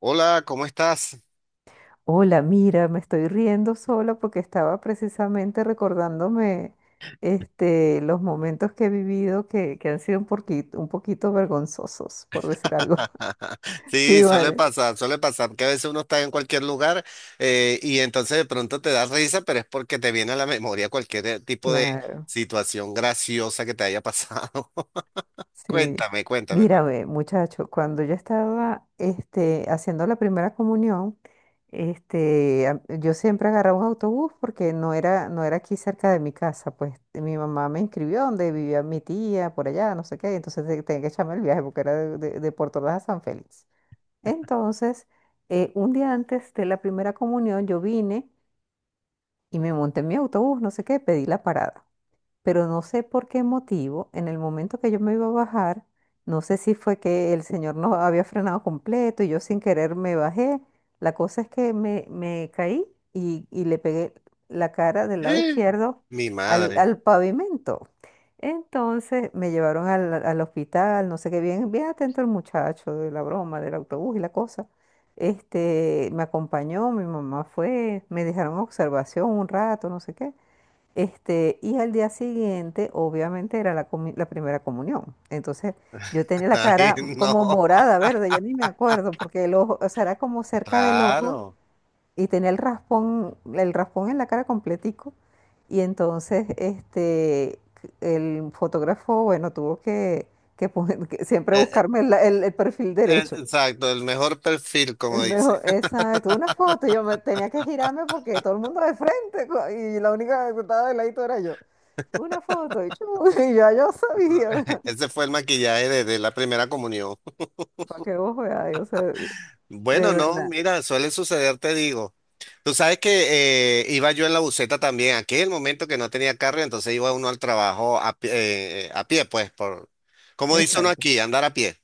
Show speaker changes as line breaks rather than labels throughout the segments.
Hola, ¿cómo estás?
Hola, mira, me estoy riendo sola porque estaba precisamente recordándome los momentos que he vivido que han sido un poquito vergonzosos, por decir algo.
Sí,
Sí, vale.
suele pasar que a veces uno está en cualquier lugar y entonces de pronto te da risa, pero es porque te viene a la memoria cualquier tipo de
Claro.
situación graciosa que te haya pasado.
Sí,
Cuéntame, cuéntame, cuéntame.
mírame, muchacho, cuando yo estaba haciendo la primera comunión, yo siempre agarraba un autobús porque no era aquí cerca de mi casa, pues mi mamá me inscribió donde vivía mi tía, por allá, no sé qué, entonces tenía que echarme el viaje porque era de Puerto Ordaz a San Félix. Entonces, un día antes de la primera comunión, yo vine y me monté en mi autobús, no sé qué, pedí la parada, pero no sé por qué motivo, en el momento que yo me iba a bajar, no sé si fue que el señor no había frenado completo y yo sin querer me bajé. La cosa es que me caí y le pegué la cara del lado izquierdo
Mi
al,
madre.
al pavimento. Entonces me llevaron al hospital, no sé qué, bien, bien atento el muchacho de la broma, del autobús y la cosa. Me acompañó, mi mamá fue, me dejaron observación un rato, no sé qué. Y al día siguiente, obviamente, era la primera comunión. Entonces, yo tenía la
Ay,
cara como
no.
morada, verde, yo ni me acuerdo, porque el ojo, o sea, era como cerca del ojo
Claro.
y tenía el raspón en la cara completico. Y entonces, el fotógrafo, bueno, tuvo que siempre
Eh,
buscarme el perfil
eh,
derecho.
Exacto, el mejor perfil, como
El
dice.
mejor, exacto, una foto, y yo tenía que girarme porque todo el mundo de frente y la única que estaba de ladito era yo. Una foto y, chu, y ya yo sabía.
Ese fue el maquillaje de la primera comunión.
Para que vos veáis, o sea, de
Bueno, no,
verdad.
mira, suele suceder, te digo. Tú sabes que iba yo en la buseta también, aquel momento que no tenía carro, entonces iba uno al trabajo a, a pie, pues, por, como dice uno
Exacto,
aquí, andar a pie.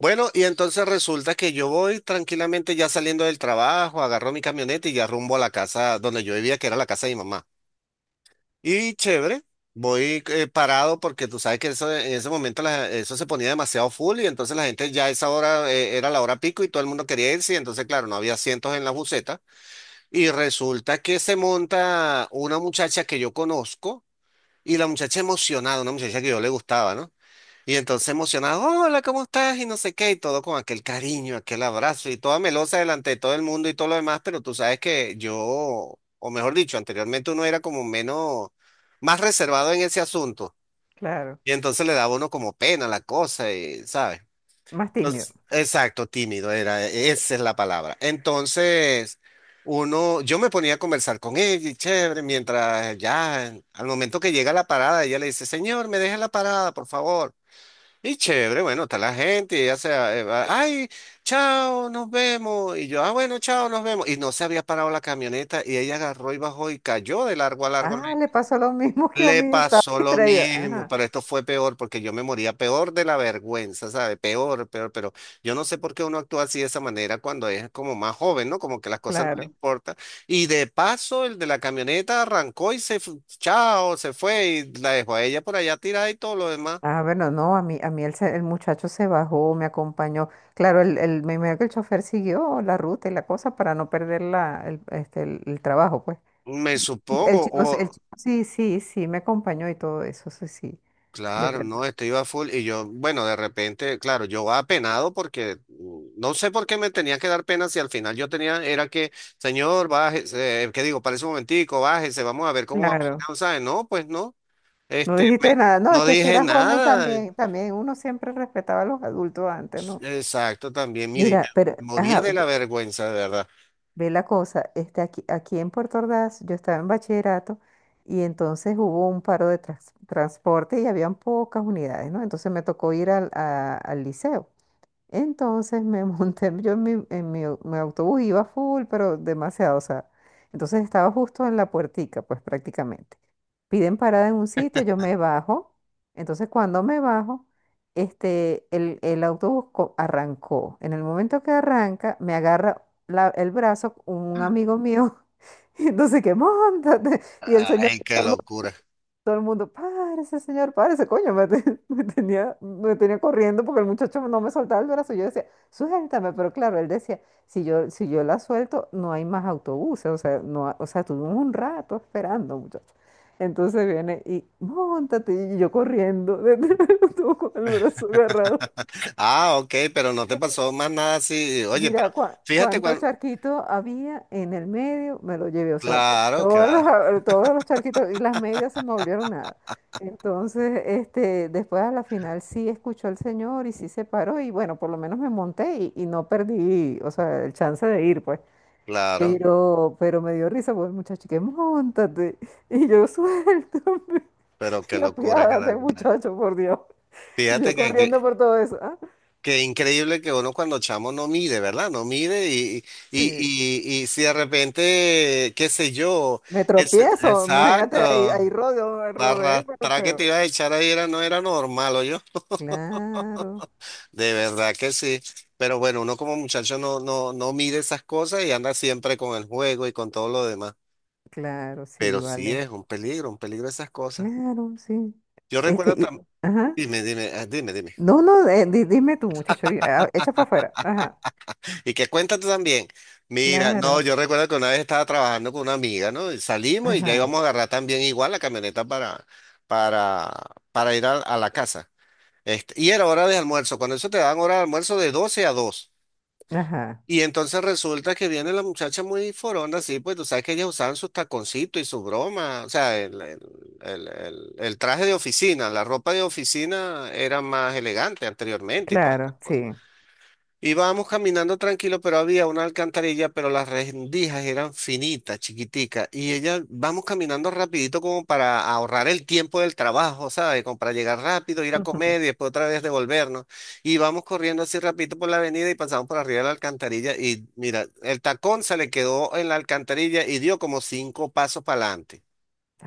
Bueno, y entonces resulta que yo voy tranquilamente ya saliendo del trabajo, agarro mi camioneta y ya rumbo a la casa donde yo vivía, que era la casa de mi mamá. Y chévere, voy parado porque tú sabes que eso, en ese momento la- eso se ponía demasiado full y entonces la gente ya a esa hora era la hora pico y todo el mundo quería irse y entonces claro, no había asientos en la buseta y resulta que se monta una muchacha que yo conozco y la muchacha emocionada, una muchacha que yo le gustaba, ¿no? Y entonces emocionado, hola, ¿cómo estás? Y no sé qué, y todo con aquel cariño, aquel abrazo, y toda melosa delante de todo el mundo y todo lo demás, pero tú sabes que yo, o mejor dicho, anteriormente uno era como menos, más reservado en ese asunto,
claro.
y entonces le daba a uno como pena la cosa, y, ¿sabes?
Más tímido.
Entonces, exacto, tímido era, e-, esa es la palabra. Entonces, uno, yo me ponía a conversar con ella, y chévere, mientras ya, al momento que llega a la parada, ella le dice, señor, me deja en la parada, por favor. Y chévere, bueno, está la gente, y ya sea, va, ay, chao, nos vemos. Y yo, ah, bueno, chao, nos vemos. Y no se había parado la camioneta y ella agarró y bajó y cayó de largo a largo.
Ah,
Le,
le pasó lo mismo que a
le
mí, estaba
pasó lo
distraída.
mismo,
Ajá,
pero esto fue peor porque yo me moría peor de la vergüenza, ¿sabe? Peor, peor, pero yo no sé por qué uno actúa así de esa manera cuando es como más joven, ¿no? Como que las cosas no le
claro.
importan. Y de paso, el de la camioneta arrancó y se, fu- chao, se fue y la dejó a ella por allá tirada y todo lo demás.
Ah, bueno, no, a mí el muchacho se bajó, me acompañó. Claro, me imagino que el chofer siguió la ruta y la cosa para no perder la, el, este, el trabajo, pues.
Me supongo,
El
o
chico, sí, sí, sí, me acompañó y todo eso, sí, sí, de
Claro, no,
verdad.
este iba full y yo, bueno, de repente, claro, yo va apenado porque no sé por qué me tenía que dar pena si al final yo tenía, era que, señor, bájese, ¿qué digo? Parece un momentico, bájese, vamos a ver cómo va usted",
Claro,
o sea, No, pues no,
no
este, me-
dijiste nada. No, es
no
que si
dije
era joven,
nada,
también, uno siempre respetaba a los adultos antes, ¿no?
exacto, también, mire,
Mira,
me
pero,
moría
ajá,
de la vergüenza, de verdad.
ve la cosa, aquí en Puerto Ordaz, yo estaba en bachillerato y entonces hubo un paro de transporte y habían pocas unidades, ¿no? Entonces me tocó ir al liceo. Entonces me monté yo en mi autobús, iba full, pero demasiado, o sea, entonces estaba justo en la puertica, pues prácticamente. Piden parada en un sitio, yo me bajo, entonces cuando me bajo, el autobús arrancó. En el momento que arranca, me agarra el brazo un amigo mío, y entonces que montate, y el señor,
Ay, qué locura.
todo el mundo, párese, señor, párese, coño. Me tenía corriendo porque el muchacho no me soltaba el brazo. Yo decía, suéltame, pero claro, él decía, si yo la suelto, no hay más autobuses. O sea, no, o sea, tuvimos un rato esperando, muchacho. Entonces viene y, móntate, y yo corriendo, detrás del autobús con el brazo agarrado.
Ah, ok, pero no te pasó más nada así, oye, pero
Mira
fíjate
cuánto
cuando,
charquito había en el medio, me lo llevé, o sea,
claro que
todos los,
va,
a- eh, todos los charquitos y las medias se me volvieron nada. Entonces, después a la final sí escuchó el señor y sí se paró y bueno, por lo menos me monté y no perdí, o sea, el chance de ir, pues.
claro,
Pero me dio risa, pues, muchacho, que montate. Y yo, suéltame.
pero
Y
qué locura, qué
apiádate,
locura.
muchacho, por Dios. Y yo
Fíjate
corriendo por todo eso.
que increíble que uno cuando chamo no mire, ¿verdad? No mire y, y,
Sí.
y, y si de repente, qué sé yo,
Me
es-
tropiezo, imagínate, ahí,
exacto,
ahí rodeo,
la
rodeé, pero
arrastrada que te
feo.
iba a echar ahí era, no era normal, yo
Claro,
De verdad que sí. Pero bueno, uno como muchacho no, no, no mide esas cosas y anda siempre con el juego y con todo lo demás.
claro,
Pero
sí,
sí
vale.
es un peligro esas cosas.
Claro, sí.
Yo
Este,
recuerdo
y,
también,
ajá.
dime, dime, ah, dime, dime.
No, no, dime tú, muchacho, echa para afuera. Ajá,
Y que cuenta tú también. Mira, no,
claro,
yo recuerdo que una vez estaba trabajando con una amiga, ¿no? Y salimos y ya
ajá,
íbamos a agarrar también igual la camioneta para, para ir a la casa. Este, y era hora de almuerzo. Cuando eso te dan hora de almuerzo de 12 a 2.
ajá,
Y entonces resulta que viene la muchacha muy forona, así, pues tú sabes que ellas usaban sus taconcitos y su broma. O sea, el traje de oficina, la ropa de oficina era más elegante anteriormente y todo.
claro, sí.
Íbamos caminando tranquilo, pero había una alcantarilla, pero las rendijas eran finitas, chiquiticas. Y ella, vamos caminando rapidito como para ahorrar el tiempo del trabajo, ¿sabes? Como para llegar rápido, ir a
Ujú.
comer y después otra vez devolvernos. Y vamos corriendo así rapidito por la avenida y pasamos por arriba de la alcantarilla. Y mira, el tacón se le quedó en la alcantarilla y dio como cinco pasos para adelante.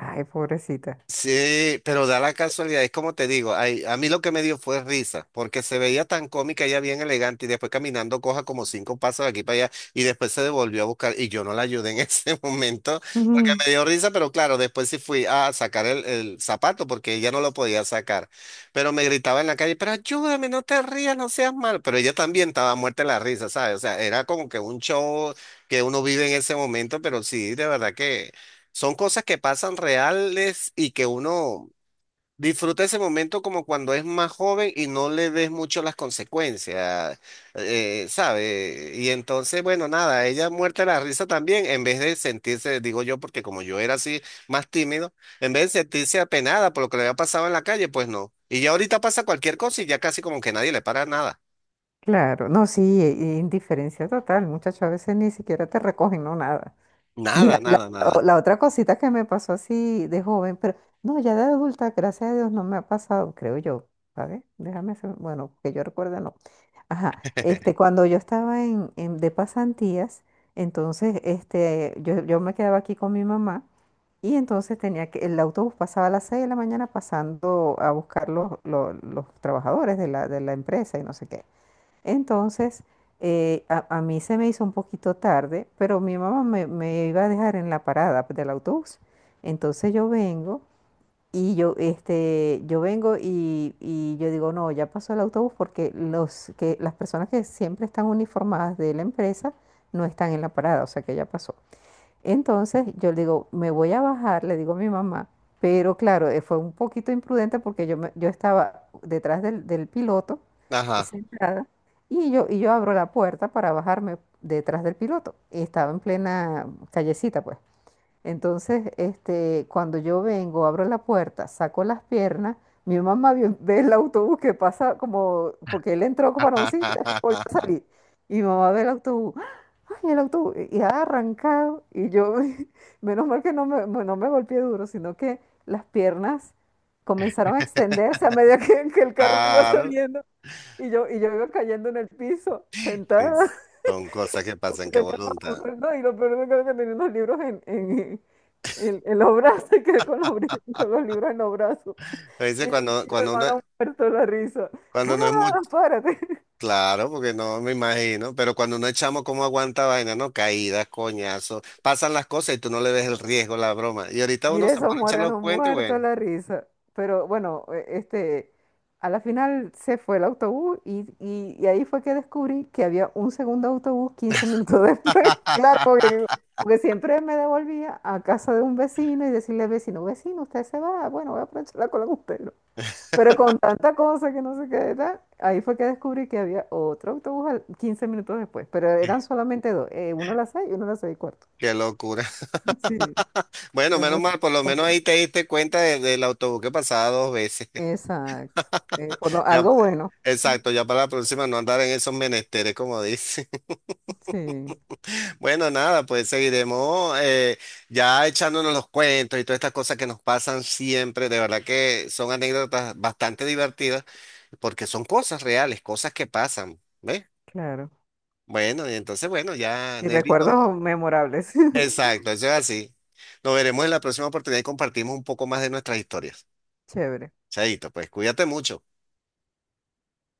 Ay, pobrecita.
Sí, pero da la casualidad, es como te digo, ay, a mí lo que me dio fue risa, porque se veía tan cómica, ella bien elegante, y después caminando coja como cinco pasos de aquí para allá, y después se devolvió a buscar, y yo no la ayudé en ese momento, porque
Ujú,
me dio risa, pero claro, después sí fui a sacar el zapato, porque ella no lo podía sacar, pero me gritaba en la calle, pero ayúdame, no te rías, no seas mal, pero ella también estaba muerta de la risa, ¿sabes? O sea, era como que un show que uno vive en ese momento, pero sí, de verdad que... Son cosas que pasan reales y que uno disfruta ese momento como cuando es más joven y no le ves mucho las consecuencias, ¿sabe? Y entonces, bueno, nada, ella muerta de la risa también, en vez de sentirse, digo yo, porque como yo era así más tímido, en vez de sentirse apenada por lo que le había pasado en la calle, pues no. Y ya ahorita pasa cualquier cosa y ya casi como que nadie le para nada.
claro, no, sí, e indiferencia total, muchacho, a veces ni siquiera te recogen, no, nada. Mira,
Nada,
la,
nada,
o-
nada.
la otra cosita que me pasó así de joven, pero no, ya de adulta, gracias a Dios, no me ha pasado, creo yo, ¿sabes? Déjame bueno, que yo recuerde, no. Ajá, cuando yo estaba de pasantías, entonces, yo me quedaba aquí con mi mamá y entonces tenía que, el autobús pasaba a las 6 de la mañana pasando a buscar los trabajadores de la empresa y no sé qué. Entonces, a mí se me hizo un poquito tarde, pero mi mamá me iba a dejar en la parada, pues, del autobús. Entonces yo vengo y yo, este, yo vengo y yo digo, no, ya pasó el autobús, porque las personas que siempre están uniformadas de la empresa no están en la parada, o sea que ya pasó. Entonces yo le digo, me voy a bajar, le digo a mi mamá, pero claro, fue un poquito imprudente, porque yo estaba detrás del piloto,
Ajá.
sentada, y yo abro la puerta para bajarme detrás del piloto. Y estaba en plena callecita, pues. Entonces, cuando yo vengo, abro la puerta, saco las piernas, mi mamá ve el autobús que pasa, como porque él entró para un sitio, después volvió a salir. Y mi mamá ve el autobús, ¡ah! ¡Ay, el autobús! Y ha arrancado. Y yo, menos mal que no me golpeé duro, sino que las piernas comenzaron a extenderse a medida que el carro iba
Claro.
saliendo. Y yo iba cayendo en el piso,
Sí,
sentada,
Son cosas que pasan, qué
tenía
voluntad.
unos- no, y lo peor de todo es que tenía unos libros en los brazos, que con los libros en los brazos.
A veces
Y
cuando,
mi
cuando uno,
hermano muerto de la risa. Mamá,
cuando no es muy
párate.
claro, porque no me imagino, pero cuando uno es chamo, ¿cómo aguanta vaina? No, caídas, coñazos, pasan las cosas y tú no le ves el riesgo, la broma. Y ahorita uno
Mire,
se
esos
pone a echar los
muérganos
cuentos y
muertos de
bueno.
la risa. Pero bueno, a la final se fue el autobús y ahí fue que descubrí que había un segundo autobús 15 minutos después. Claro, porque siempre me devolvía a casa de un vecino y decirle, al vecino, vecino, usted se va, bueno, voy a aprovechar la cola con usted, ¿no? Pero con tanta cosa que no sé qué era, ahí fue que descubrí que había otro autobús 15 minutos después, pero eran solamente dos, uno a las 6 y uno a las 6 y cuarto.
Qué locura.
Sí,
Bueno, menos mal,
demasiado
por lo menos
cómico.
ahí te diste cuenta de- del autobús que pasaba dos veces.
Exacto. Eh, por lo,
Ya,
algo bueno.
exacto, ya para la próxima no andar en esos menesteres, como dice.
Sí,
Bueno, nada, pues seguiremos ya echándonos los cuentos y todas estas cosas que nos pasan siempre. De verdad que son anécdotas bastante divertidas porque son cosas reales, cosas que pasan, ¿ves?
claro.
Bueno, y entonces, bueno, ya
Y
Nelly, no.
recuerdos memorables.
Exacto, eso es así. Nos veremos en la próxima oportunidad y compartimos un poco más de nuestras historias.
Chévere.
Chaito, pues cuídate mucho.